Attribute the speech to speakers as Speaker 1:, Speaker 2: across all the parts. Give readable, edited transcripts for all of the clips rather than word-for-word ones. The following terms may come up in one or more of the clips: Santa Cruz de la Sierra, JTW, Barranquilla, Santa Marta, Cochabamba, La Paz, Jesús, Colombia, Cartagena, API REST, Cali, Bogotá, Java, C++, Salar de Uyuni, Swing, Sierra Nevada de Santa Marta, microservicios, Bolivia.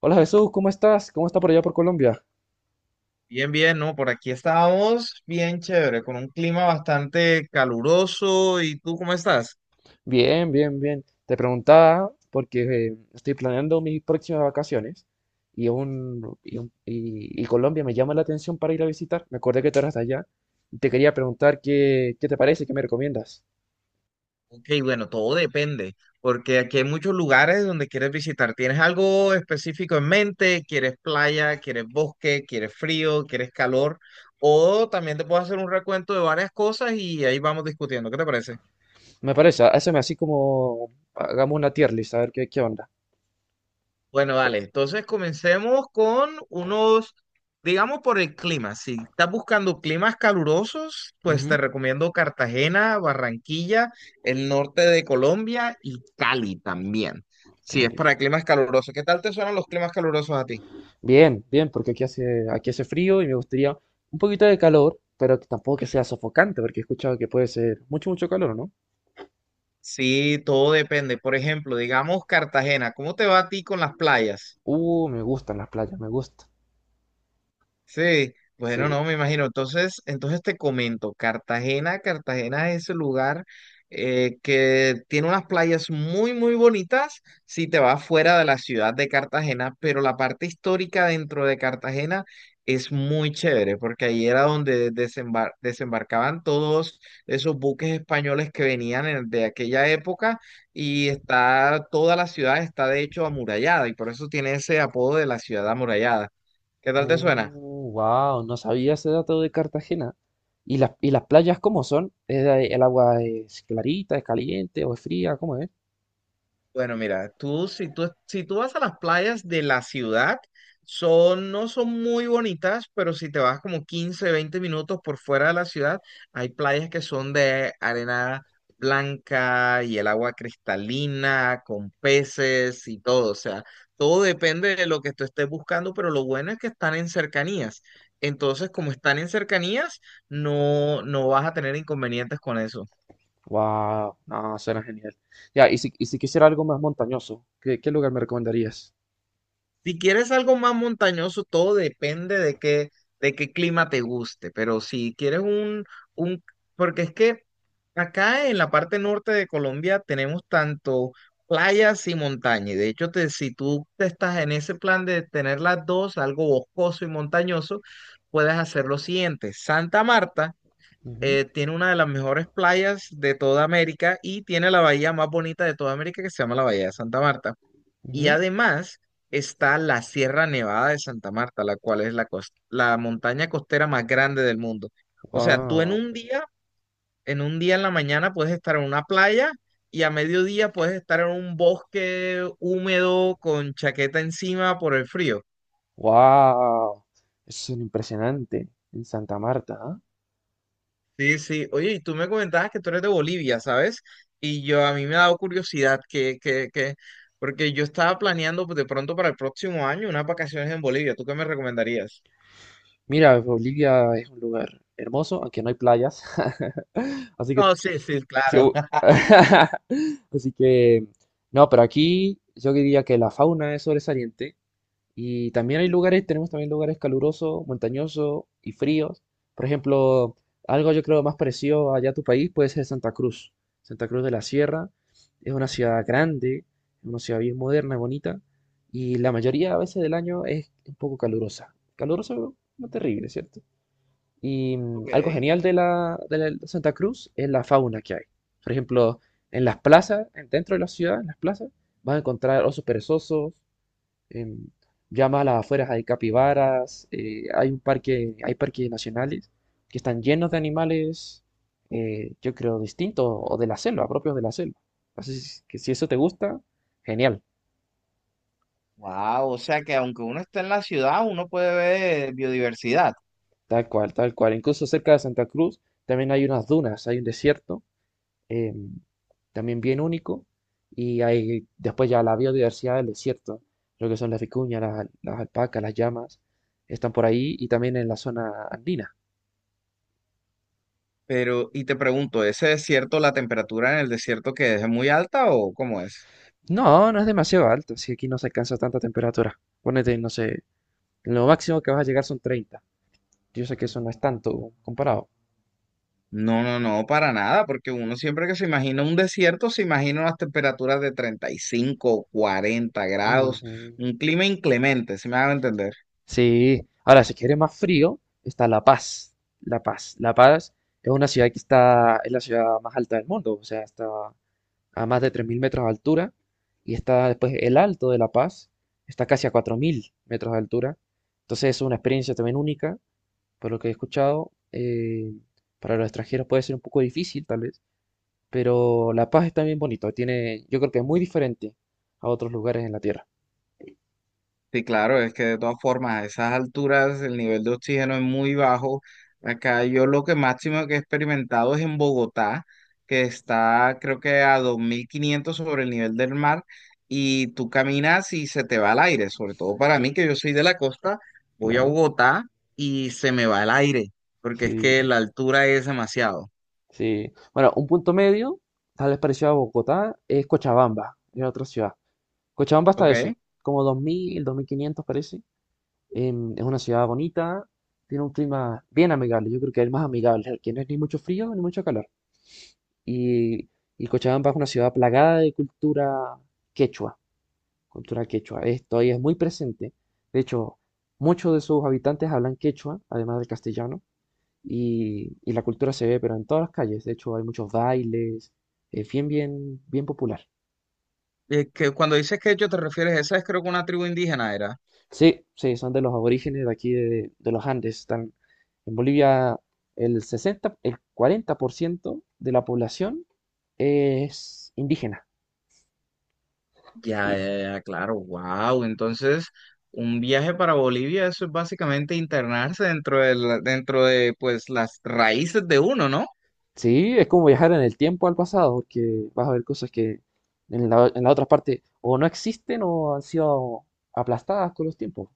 Speaker 1: Hola Jesús, ¿cómo estás? ¿Cómo está por allá por Colombia?
Speaker 2: Bien, bien, ¿no? Por aquí estábamos bien chévere, con un clima bastante caluroso. ¿Y tú cómo estás?
Speaker 1: Bien, bien, bien. Te preguntaba porque estoy planeando mis próximas vacaciones y Colombia me llama la atención para ir a visitar. Me acordé que tú eras de allá. Y te quería preguntar qué, te parece, qué me recomiendas.
Speaker 2: Ok, bueno, todo depende, porque aquí hay muchos lugares donde quieres visitar. ¿Tienes algo específico en mente? ¿Quieres playa? ¿Quieres bosque? ¿Quieres frío? ¿Quieres calor? O también te puedo hacer un recuento de varias cosas y ahí vamos discutiendo. ¿Qué te parece?
Speaker 1: Me parece, hazme así como hagamos una tier list, a ver qué onda.
Speaker 2: Bueno,
Speaker 1: Cu-
Speaker 2: vale, entonces comencemos con unos, digamos por el clima. Si estás buscando climas calurosos, pues te
Speaker 1: Ujú,
Speaker 2: recomiendo Cartagena, Barranquilla, el norte de Colombia y Cali también. Si es
Speaker 1: Cali.
Speaker 2: para climas calurosos, ¿qué tal te suenan los climas calurosos a ti?
Speaker 1: Bien, bien, porque aquí hace frío y me gustaría un poquito de calor, pero que tampoco que sea sofocante, porque he escuchado que puede ser mucho, mucho calor, ¿no?
Speaker 2: Sí, todo depende. Por ejemplo, digamos Cartagena, ¿cómo te va a ti con las playas?
Speaker 1: Me gustan las playas, me gusta.
Speaker 2: Sí, bueno,
Speaker 1: Sí.
Speaker 2: no, me imagino. Entonces, te comento, Cartagena es el lugar que tiene unas playas muy, muy bonitas si te vas fuera de la ciudad de Cartagena, pero la parte histórica dentro de Cartagena es muy chévere, porque ahí era donde desembarcaban todos esos buques españoles que venían de aquella época y está, toda la ciudad está de hecho amurallada y por eso tiene ese apodo de la ciudad amurallada. ¿Qué tal te suena?
Speaker 1: Wow, no sabía ese dato de Cartagena. ¿Y las playas cómo son? ¿El agua es clarita, es caliente o es fría? ¿Cómo es?
Speaker 2: Bueno, mira, tú si tú si tú vas a las playas de la ciudad, son no son muy bonitas, pero si te vas como 15 20 minutos por fuera de la ciudad, hay playas que son de arena blanca y el agua cristalina con peces y todo, o sea, todo depende de lo que tú estés buscando, pero lo bueno es que están en cercanías. Entonces, como están en cercanías, no vas a tener inconvenientes con eso.
Speaker 1: Wow, no, suena genial. Ya, y si quisiera algo más montañoso, ¿qué lugar me recomendarías?
Speaker 2: Si quieres algo más montañoso, todo depende de qué clima te guste, pero si quieres un, porque es que acá en la parte norte de Colombia tenemos tanto playas y montaña, y de hecho si tú te estás en ese plan de tener las dos, algo boscoso y montañoso, puedes hacer lo siguiente. Santa Marta
Speaker 1: Ujú,
Speaker 2: tiene una de las mejores playas de toda América y tiene la bahía más bonita de toda América que se llama la Bahía de Santa Marta. Y
Speaker 1: ujú.
Speaker 2: además está la Sierra Nevada de Santa Marta, la cual es la montaña costera más grande del mundo. O sea, tú en
Speaker 1: Wow,
Speaker 2: un día en la mañana puedes estar en una playa y a mediodía puedes estar en un bosque húmedo con chaqueta encima por el frío.
Speaker 1: wow, eso es impresionante en Santa Marta, ¿ah?
Speaker 2: Sí, sí. Oye, y tú me comentabas que tú eres de Bolivia, ¿sabes? Y yo a mí me ha dado curiosidad porque yo estaba planeando pues, de pronto para el próximo año unas vacaciones en Bolivia. ¿Tú qué me recomendarías?
Speaker 1: Mira, Bolivia es un lugar hermoso, aunque no hay playas, así que
Speaker 2: No, sí, sí,
Speaker 1: Sí,
Speaker 2: claro.
Speaker 1: así que, no, pero aquí yo diría que la fauna es sobresaliente y también hay lugares, tenemos también lugares calurosos, montañosos y fríos. Por ejemplo, algo yo creo más parecido allá a tu país puede ser Santa Cruz. Santa Cruz de la Sierra es una ciudad grande, es una ciudad bien moderna, bonita y la mayoría a veces del año es un poco calurosa. Calurosa, pero no terrible, ¿cierto? Y algo
Speaker 2: Ok.
Speaker 1: genial de la, de Santa Cruz es la fauna que hay. Por ejemplo, en las plazas, dentro de la ciudad, en las plazas, vas a encontrar osos perezosos, em, ya más a las afueras hay capibaras, hay un parque, hay parques nacionales que están llenos de animales, yo creo, distintos o de la selva, propios de la selva. Así es que si eso te gusta, genial,
Speaker 2: Wow, o sea que aunque uno está en la ciudad, uno puede ver biodiversidad.
Speaker 1: tal cual, tal cual. Incluso cerca de Santa Cruz también hay unas dunas, hay un desierto eh, también bien único. Y hay después ya la biodiversidad del desierto, lo que son las vicuñas, las alpacas, las llamas, están por ahí y también en la zona andina.
Speaker 2: Pero, y te pregunto, ¿ese desierto, la temperatura en el desierto que es muy alta o cómo es?
Speaker 1: No, no es demasiado alto, si aquí no se alcanza tanta temperatura. Ponete, no sé, lo máximo que vas a llegar son 30. Yo sé que eso no es tanto comparado.
Speaker 2: No, no, no, para nada, porque uno siempre que se imagina un desierto, se imagina unas temperaturas de 35, 40 grados,
Speaker 1: Ujú.
Speaker 2: un clima inclemente, si me hago entender.
Speaker 1: Sí, ahora si quieres más frío, está La Paz. La Paz. La Paz es una ciudad que está, es la ciudad más alta del mundo, o sea, está a más de 3.000 metros de altura, y está después el Alto de La Paz, está casi a 4.000 metros de altura. Entonces es una experiencia también única, por lo que he escuchado. Para los extranjeros puede ser un poco difícil, tal vez, pero La Paz es también bonito, tiene, yo creo que es muy diferente a otros lugares en la Tierra.
Speaker 2: Sí, claro, es que de todas formas, a esas alturas el nivel de oxígeno es muy bajo. Acá yo lo que máximo que he experimentado es en Bogotá, que está creo que a 2.500 sobre el nivel del mar y tú caminas y se te va el aire, sobre todo para mí que yo soy de la costa, voy a
Speaker 1: Claro,
Speaker 2: Bogotá y se me va el aire, porque es que
Speaker 1: sí,
Speaker 2: la altura es demasiado,
Speaker 1: sí. Bueno, un punto medio, tal vez parecido a Bogotá, es Cochabamba, es otra ciudad. Cochabamba está eso,
Speaker 2: ¿ok?
Speaker 1: como dos mil quinientos parece. Es una ciudad bonita, tiene un clima bien amigable, yo creo que es el más amigable, el que no es ni mucho frío ni mucho calor. Y, y Cochabamba es una ciudad plagada de cultura quechua, cultura quechua. Esto ahí es muy presente. De hecho, muchos de sus habitantes hablan quechua, además del castellano, y la cultura se ve, pero en todas las calles. De hecho, hay muchos bailes, es bien, bien, bien popular.
Speaker 2: Es que cuando dices que yo te refieres, esa es creo que una tribu indígena era.
Speaker 1: Sí, sí, son de los aborígenes de aquí de los Andes. Están en Bolivia el 60, el 40% de la población es indígena. Y
Speaker 2: Ya, ya, ya, claro, wow. Entonces, un viaje para Bolivia, eso es básicamente internarse dentro de, dentro de pues las raíces de uno, ¿no?
Speaker 1: sí, es como viajar en el tiempo al pasado, porque vas a ver cosas que en la otra parte o no existen o han sido aplastadas con los tiempos.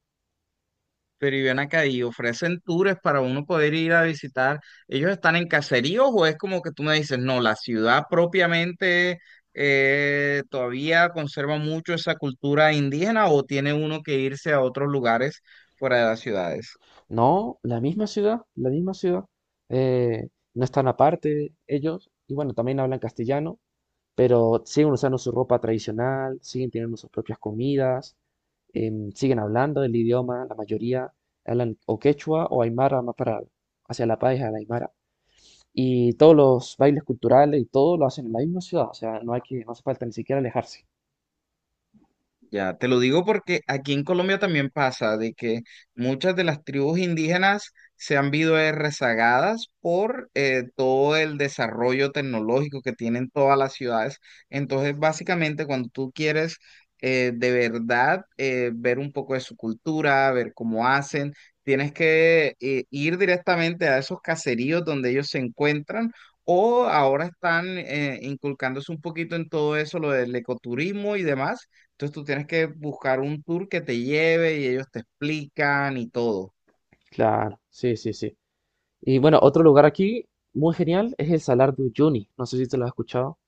Speaker 2: Pero y ven acá y ofrecen tours para uno poder ir a visitar. ¿Ellos están en caseríos o es como que tú me dices, no, la ciudad propiamente todavía conserva mucho esa cultura indígena o tiene uno que irse a otros lugares fuera de las ciudades?
Speaker 1: No, la misma ciudad, no están aparte ellos, y bueno, también hablan castellano. Pero siguen usando su ropa tradicional, siguen teniendo sus propias comidas, siguen hablando el idioma, la mayoría hablan o quechua o aymara más para hacia la pareja la aymara. Y todos los bailes culturales y todo lo hacen en la misma ciudad, o sea, no hay que, no hace falta ni siquiera alejarse.
Speaker 2: Ya, te lo digo porque aquí en Colombia también pasa de que muchas de las tribus indígenas se han visto rezagadas por todo el desarrollo tecnológico que tienen todas las ciudades. Entonces, básicamente, cuando tú quieres de verdad ver un poco de su cultura, ver cómo hacen, tienes que ir directamente a esos caseríos donde ellos se encuentran. O ahora están inculcándose un poquito en todo eso, lo del ecoturismo y demás, entonces tú tienes que buscar un tour que te lleve y ellos te explican y todo.
Speaker 1: Claro, sí, sí, sí. Y bueno, otro lugar aquí muy genial es el Salar de Uyuni, no sé si te lo has escuchado,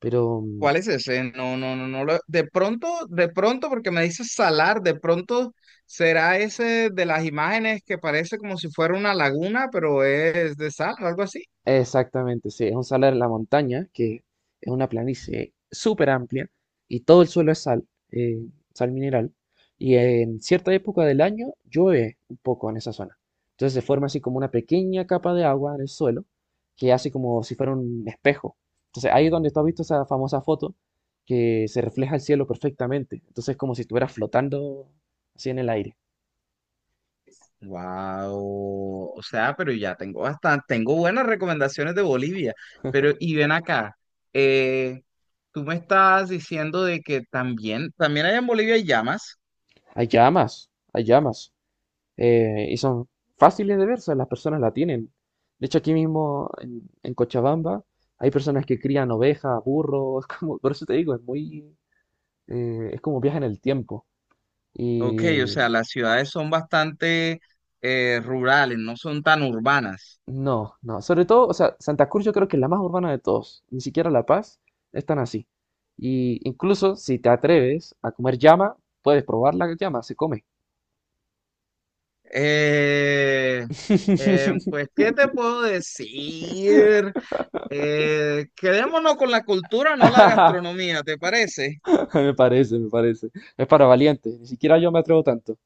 Speaker 1: pero
Speaker 2: ¿Cuál es ese? No, no, no, no. De pronto, porque me dices salar, de pronto será ese de las imágenes que parece como si fuera una laguna, pero es de sal o algo así.
Speaker 1: exactamente, sí, es un salar en la montaña, que es una planicie súper amplia y todo el suelo es sal, sal mineral. Y en cierta época del año llueve un poco en esa zona. Entonces se forma así como una pequeña capa de agua en el suelo que hace como si fuera un espejo. Entonces ahí es donde tú has visto esa famosa foto que se refleja el cielo perfectamente. Entonces es como si estuvieras flotando así en el aire.
Speaker 2: Wow, o sea, pero ya tengo bastante, tengo buenas recomendaciones de Bolivia, pero y ven acá, eh, tú me estás diciendo de que también allá en Bolivia hay llamas.
Speaker 1: Hay llamas, hay llamas. Y son fáciles de ver, o sea, las personas la tienen. De hecho, aquí mismo en Cochabamba hay personas que crían ovejas, burros, es como, por eso te digo, es muy, es como viaje en el tiempo.
Speaker 2: Ok, o
Speaker 1: Y
Speaker 2: sea, las ciudades son bastante rurales, no son tan urbanas.
Speaker 1: no, no, sobre todo, o sea, Santa Cruz yo creo que es la más urbana de todos, ni siquiera La Paz es tan así. Y incluso si te atreves a comer llama, puedes probar la llama, se come.
Speaker 2: Eh, pues, ¿qué te puedo decir? Quedémonos con la cultura, no la gastronomía, ¿te parece?
Speaker 1: Me parece, me parece. Es para valientes, ni siquiera yo me atrevo tanto.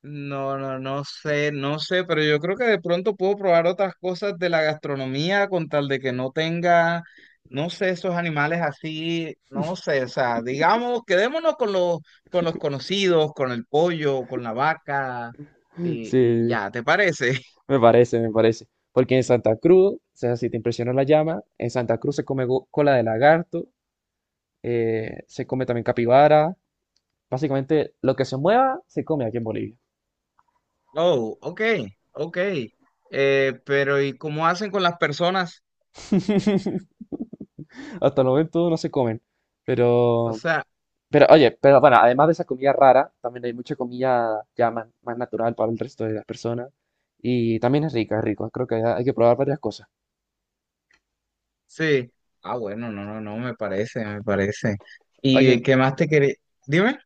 Speaker 2: No, no, no sé, no sé, pero yo creo que de pronto puedo probar otras cosas de la gastronomía con tal de que no tenga, no sé, esos animales así, no sé, o sea, digamos, quedémonos con los conocidos, con el pollo, con la vaca, y
Speaker 1: Sí.
Speaker 2: ya, ¿te parece?
Speaker 1: Me parece, me parece. Porque en Santa Cruz, o sea, si te impresiona la llama, en Santa Cruz se come cola de lagarto, se come también capibara. Básicamente, lo que se mueva, se come aquí en Bolivia.
Speaker 2: Oh, ok, ok. Pero ¿y cómo hacen con las personas?
Speaker 1: Hasta el momento no se comen.
Speaker 2: O
Speaker 1: Pero,
Speaker 2: sea,
Speaker 1: pero oye, pero bueno, además de esa comida rara, también hay mucha comida ya más, más natural para el resto de las personas. Y también es rica, es rico. Creo que hay que probar varias cosas.
Speaker 2: sí. Ah, bueno, no, no, no, me parece, me parece. ¿Y
Speaker 1: Oye,
Speaker 2: qué más te quería? Dime.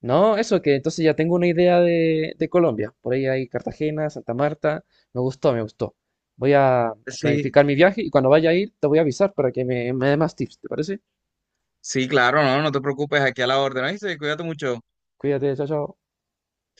Speaker 1: no, eso que entonces ya tengo una idea de Colombia. Por ahí hay Cartagena, Santa Marta. Me gustó, me gustó. Voy a
Speaker 2: Sí.
Speaker 1: planificar mi viaje y cuando vaya a ir te voy a avisar para que me dé más tips, ¿te parece?
Speaker 2: Sí, claro, no, no te preocupes, aquí a la orden. Ahí cuídate mucho.
Speaker 1: Cuídate, chao, chao.